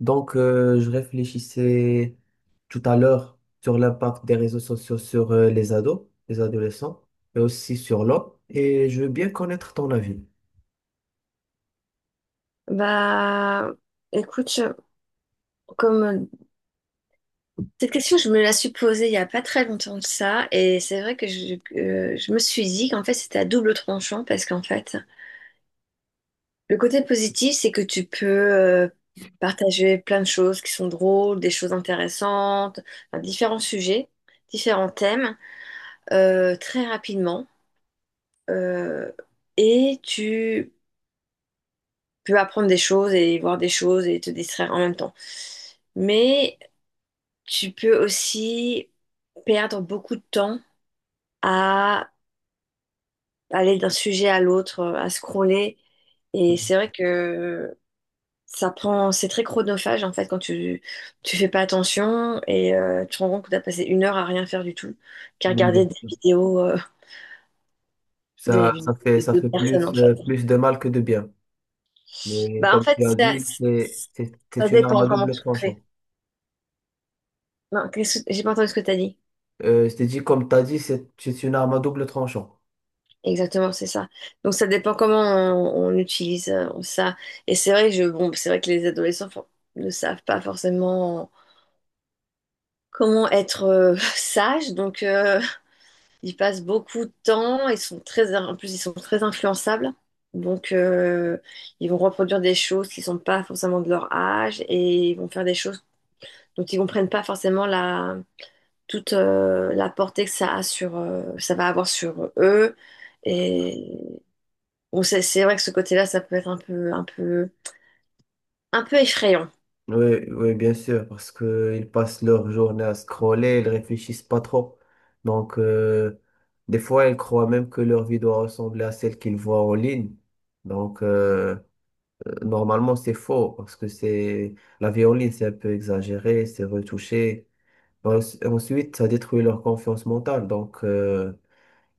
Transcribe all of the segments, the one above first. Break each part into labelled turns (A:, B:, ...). A: Je réfléchissais tout à l'heure sur l'impact des réseaux sociaux sur les ados, les adolescents, mais aussi sur l'homme. Et je veux bien connaître ton avis.
B: Bah, écoute, comme cette question, je me la suis posée il n'y a pas très longtemps de ça, et c'est vrai que que je me suis dit qu'en fait c'était à double tranchant parce qu'en fait, le côté positif, c'est que tu peux partager plein de choses qui sont drôles, des choses intéressantes, enfin, différents sujets, différents thèmes, très rapidement, euh, et tu peux apprendre des choses et voir des choses et te distraire en même temps. Mais tu peux aussi perdre beaucoup de temps à aller d'un sujet à l'autre, à scroller. Et c'est vrai que c'est très chronophage en fait quand tu fais pas attention et tu te rends compte que tu as passé une heure à rien faire du tout qu'à regarder
A: Mhm.
B: des
A: Ça, ça
B: vidéos
A: fait,
B: de
A: ça
B: deux
A: fait
B: personnes en
A: plus,
B: fait.
A: plus de mal que de bien. Mais
B: Bah en
A: comme
B: fait,
A: tu as
B: ça,
A: dit, c'est, c'est,
B: ça
A: c'est une arme
B: dépend
A: à
B: comment
A: double
B: tu le fais.
A: tranchant.
B: Non, j'ai pas entendu ce que tu as dit.
A: Je t'ai dit, comme tu as dit, c'est une arme à double tranchant.
B: Exactement, c'est ça. Donc ça dépend comment on utilise ça. Et c'est vrai que bon, c'est vrai que les adolescents ne savent pas forcément comment être sages. Donc ils passent beaucoup de temps. En plus ils sont très influençables. Donc ils vont reproduire des choses qui sont pas forcément de leur âge et ils vont faire des choses dont ils comprennent pas forcément la portée que ça va avoir sur eux. Et bon, c'est vrai que ce côté-là, ça peut être un peu, un peu, un peu effrayant.
A: Oui, oui, bien sûr, parce qu'ils passent leur journée à scroller, ils réfléchissent pas trop. Donc, euh, des fois, ils croient même que leur vie doit ressembler à celle qu'ils voient en ligne. Donc, euh, normalement, c'est faux, parce que c'est la vie en ligne, c'est un peu exagéré, c'est retouché. En- Ensuite, ça détruit leur confiance mentale.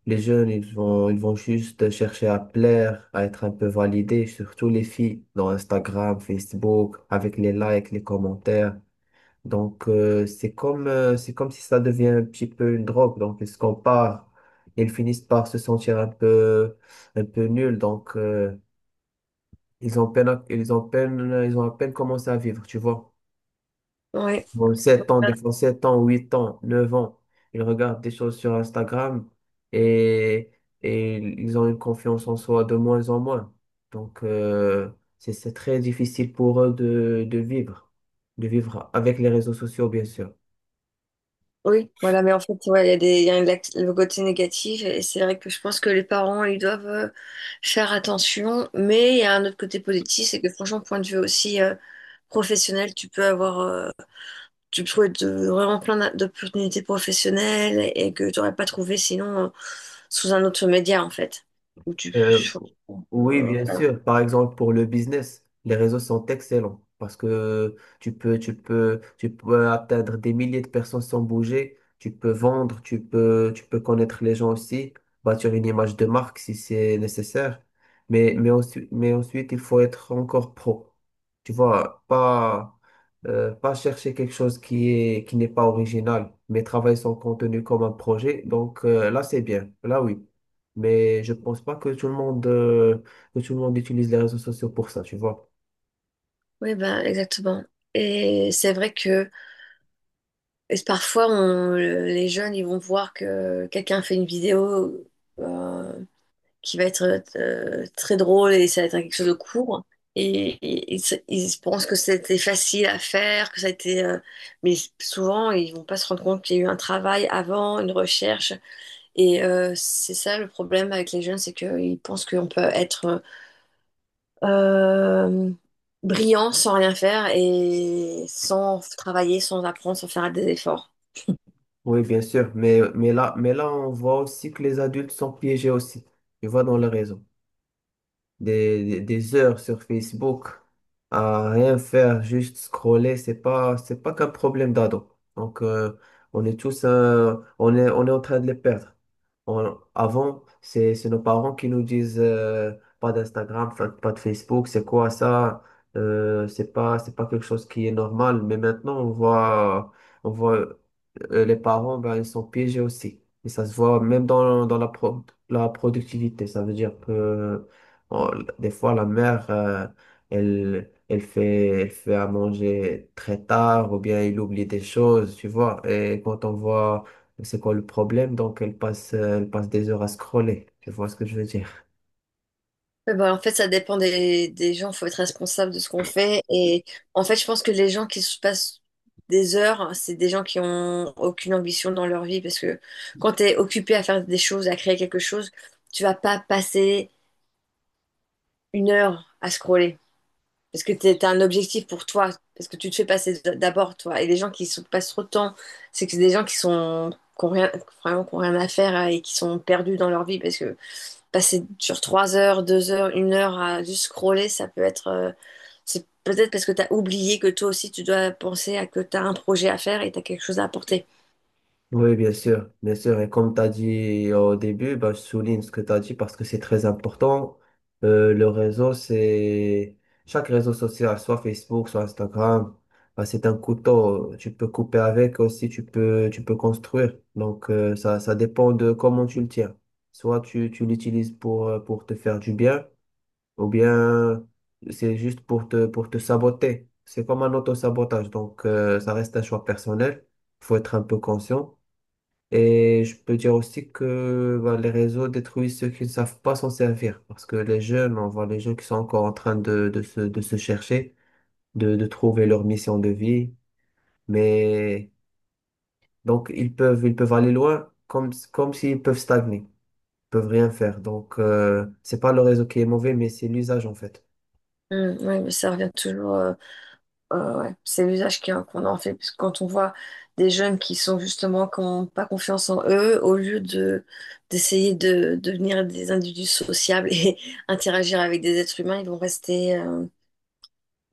A: Les jeunes, ils vont juste chercher à plaire, à être un peu validés, surtout les filles, dans Instagram, Facebook, avec les likes, les commentaires. C'est comme si ça devient un petit peu une drogue. Donc, ils se comparent. Ils finissent par se sentir un peu nuls. Ils ont à peine commencé à vivre, tu vois.
B: Oui,
A: Bon, 7 ans, des fois 7 ans, 8 ans, 9 ans, ils regardent des choses sur Instagram et, et ils ont une confiance en soi de moins en moins. Donc, euh, c'est très difficile pour eux de, de vivre avec les réseaux sociaux, bien sûr.
B: Oui, voilà, mais en fait, ouais, il y a des, il y a une- le côté négatif, et c'est vrai que je pense que les parents, ils doivent faire attention, mais il y a un autre côté positif, c'est que franchement, point de vue aussi professionnel, tu peux trouver vraiment plein d'opportunités professionnelles et que tu n'aurais pas trouvé sinon sous un autre média, en fait. Où tu,
A: Euh, oui,
B: euh,
A: bien sûr. Par exemple, pour le business, les réseaux sont excellents parce que tu peux atteindre des milliers de personnes sans bouger. Tu peux vendre, tu peux connaître les gens aussi, bâtir une image de marque si c'est nécessaire. Mais ensuite, il faut être encore pro. Tu vois, pas, pas chercher quelque chose qui n'est pas original, mais travailler son contenu comme un projet. Là, c'est bien. Là, oui. Mais je pense pas que que tout le monde utilise les réseaux sociaux pour ça, tu vois.
B: oui, ben, exactement. Et c'est vrai que Et parfois, les jeunes, ils vont voir que quelqu'un fait une vidéo euh, qui va être très drôle et ça va être quelque chose de court. Ils pensent que c'était facile à faire, que ça a été... mais souvent, ils vont pas se rendre compte qu'il y a eu un travail avant, une recherche. C'est ça le problème avec les jeunes, c'est qu'ils pensent qu'on peut être euh, brillant sans rien faire et sans travailler, sans apprendre, sans faire des efforts.
A: Oui, bien sûr. Mais là, on voit aussi que les adultes sont piégés aussi. Tu vois, dans les réseaux. Des heures sur Facebook à rien faire, juste scroller, c'est pas qu'un problème d'ado. On est tous, on est en train de les perdre. Avant, c'est nos parents qui nous disent pas d'Instagram, pas de Facebook, c'est quoi ça? C'est pas quelque chose qui est normal. Mais maintenant, on voit les parents, ben, ils sont piégés aussi. Et ça se voit même dans, dans la productivité. Ça veut dire que on- des fois, elle fait à manger très tard ou bien elle oublie des choses, tu vois. Et quand on voit c'est quoi le problème? Donc, elle passe des heures à scroller. Tu vois ce que je veux dire?
B: Ouais, bah, en fait, ça dépend des gens. Il faut être responsable de ce qu'on fait. Et en fait, je pense que les gens qui se passent des heures, c'est des gens qui ont aucune ambition dans leur vie. Parce que quand tu es occupé à faire des choses, à créer quelque chose, tu vas pas passer une heure à scroller. Parce que tu as un objectif pour toi. Parce que tu te fais passer d'abord, toi. Et les gens qui se passent trop de temps, c'est que c'est des gens qui sont, qui ont rien, vraiment, qui ont rien à faire et qui sont perdus dans leur vie. Parce que passer sur 3 heures, 2 heures, une heure à juste scroller, ça peut être. C'est peut-être parce que tu as oublié que toi aussi, tu dois penser à que tu as un projet à faire et tu as quelque chose à apporter.
A: Oui, bien sûr, bien sûr. Et comme tu as dit au début, bah, je souligne ce que tu as dit parce que c'est très important. Le réseau, c'est... Chaque réseau social, soit Facebook, soit Instagram, bah, c'est un couteau. Tu peux couper avec aussi, tu peux construire. Ça dépend de comment tu le tiens. Soit tu l'utilises pour te faire du bien, ou bien c'est juste pour pour te saboter. C'est comme un auto-sabotage, ça reste un choix personnel, faut être un peu conscient. Et je peux dire aussi que bah, les réseaux détruisent ceux qui ne savent pas s'en servir, parce que les jeunes, on voit les jeunes qui sont encore en train de se chercher, de trouver leur mission de vie, mais donc ils peuvent aller loin comme, comme s'ils peuvent stagner peuvent rien faire. C'est pas le réseau qui est mauvais, mais c'est l'usage en fait.
B: Oui, mais ça revient toujours. Ouais. C'est l'usage qu'on en fait. Parce que quand on voit des jeunes qui sont justement, qui n'ont pas confiance en eux, au lieu de d'essayer de devenir des individus sociables et interagir avec des êtres humains, ils vont rester euh,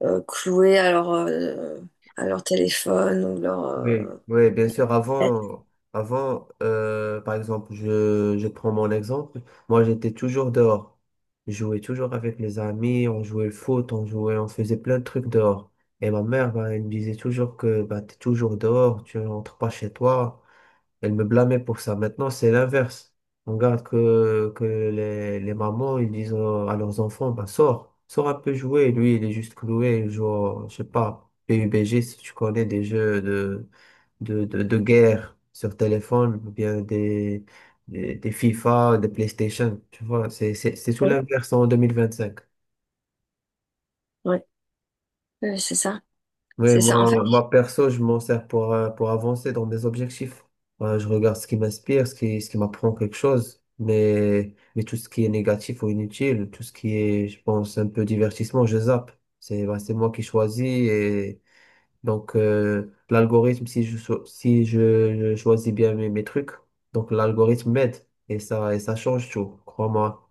B: euh, cloués à leur téléphone ou leur.
A: Oui, oui, bien sûr.
B: Tablette.
A: Avant, avant par exemple, je prends mon exemple. Moi, j'étais toujours dehors. Je jouais toujours avec mes amis, on jouait le foot, on faisait plein de trucs dehors. Et ma mère, ben, elle me disait toujours que bah, tu es toujours dehors, tu rentres pas chez toi. Elle me blâmait pour ça. Maintenant, c'est l'inverse. On regarde les mamans, ils disent à leurs enfants, bah, sors, sors un peu jouer. Lui, il est juste cloué, je sais pas, PUBG, si tu connais des jeux de guerre sur téléphone, ou bien des FIFA, des PlayStation. Tu vois, c'est tout l'inverse en 2025.
B: Ouais, ouais, c'est ça.
A: Oui,
B: C'est ça. En fait,
A: moi perso, je m'en sers pour avancer dans mes objectifs. Je regarde ce qui m'inspire, ce qui m'apprend quelque chose, mais tout ce qui est négatif ou inutile, tout ce qui est, je pense, un peu divertissement, je zappe. C'est, bah, c'est moi qui choisis et l'algorithme, si je, cho- si je, je choisis bien mes trucs, donc l'algorithme m'aide et ça change tout, crois-moi.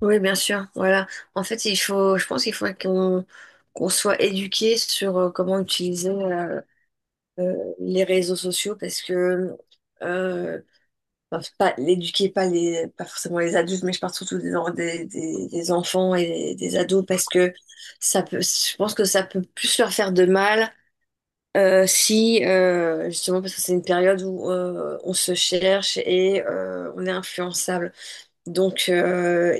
B: oui, bien sûr. Voilà. En fait, je pense qu'il faut qu'on soit éduqué sur comment utiliser euh, les réseaux sociaux parce que, euh, enfin, c'est pas l'éduquer, pas pas forcément les adultes, mais je parle surtout des enfants et des ados parce que je pense que ça peut plus leur faire de mal. Si justement parce que c'est une période où on se cherche et on est influençable. Donc,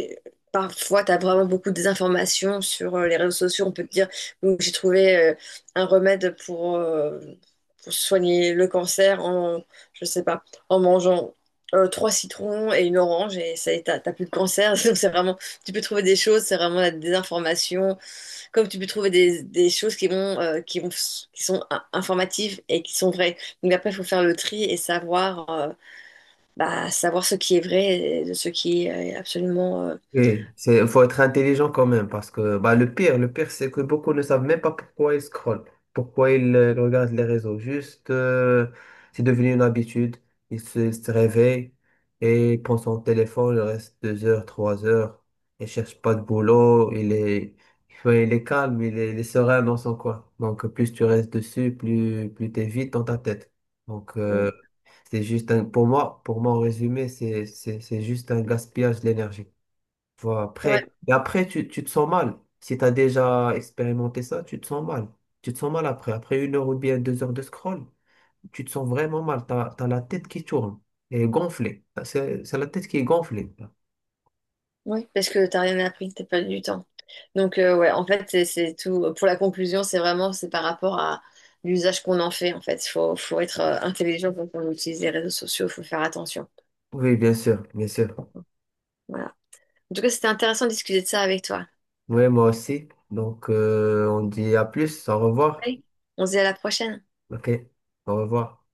B: parfois, tu as vraiment beaucoup de désinformations sur les réseaux sociaux. On peut te dire, donc j'ai trouvé un remède pour soigner le cancer je sais pas, en mangeant trois citrons et une orange et ça y est, t'as plus de cancer. Donc, c'est vraiment, tu peux trouver des choses, c'est vraiment la désinformation. Comme tu peux trouver des choses qui sont informatives et qui sont vraies. Donc, après, il faut faire le tri et savoir. Bah, savoir ce qui est vrai et de ce qui est absolument.
A: Oui, c'est, faut être intelligent quand même, parce que bah, le pire, c'est que beaucoup ne savent même pas pourquoi ils scrollent, pourquoi ils regardent les réseaux. Juste, c'est devenu une habitude. Se réveillent et ils prennent son téléphone, il reste deux heures, trois heures, il cherche pas de boulot, ouais, il est calme, il est serein dans son coin. Donc, plus tu restes dessus, plus t'es vite dans ta tête. Donc,
B: Euh,
A: euh, c'est juste un, pour moi, en résumé, c'est juste un gaspillage d'énergie. Voilà.
B: ouais,
A: Et après tu te sens mal. Si tu as déjà expérimenté ça, tu te sens mal. Tu te sens mal après. Après une heure ou bien deux heures de scroll, tu te sens vraiment mal. Tu as la tête qui tourne et gonflée. C'est la tête qui est gonflée.
B: ouais, parce que t'as rien appris, t'as perdu du temps. Donc, ouais, en fait, c'est tout. Pour la conclusion, c'est par rapport à l'usage qu'on en fait, en fait. Faut être intelligent quand on utilise les réseaux sociaux, faut faire attention.
A: Oui, bien sûr, bien sûr.
B: Voilà. En tout cas, c'était intéressant de discuter de ça avec toi.
A: Oui, moi aussi. On dit à plus, au revoir.
B: On se dit à la prochaine.
A: Ok, au revoir.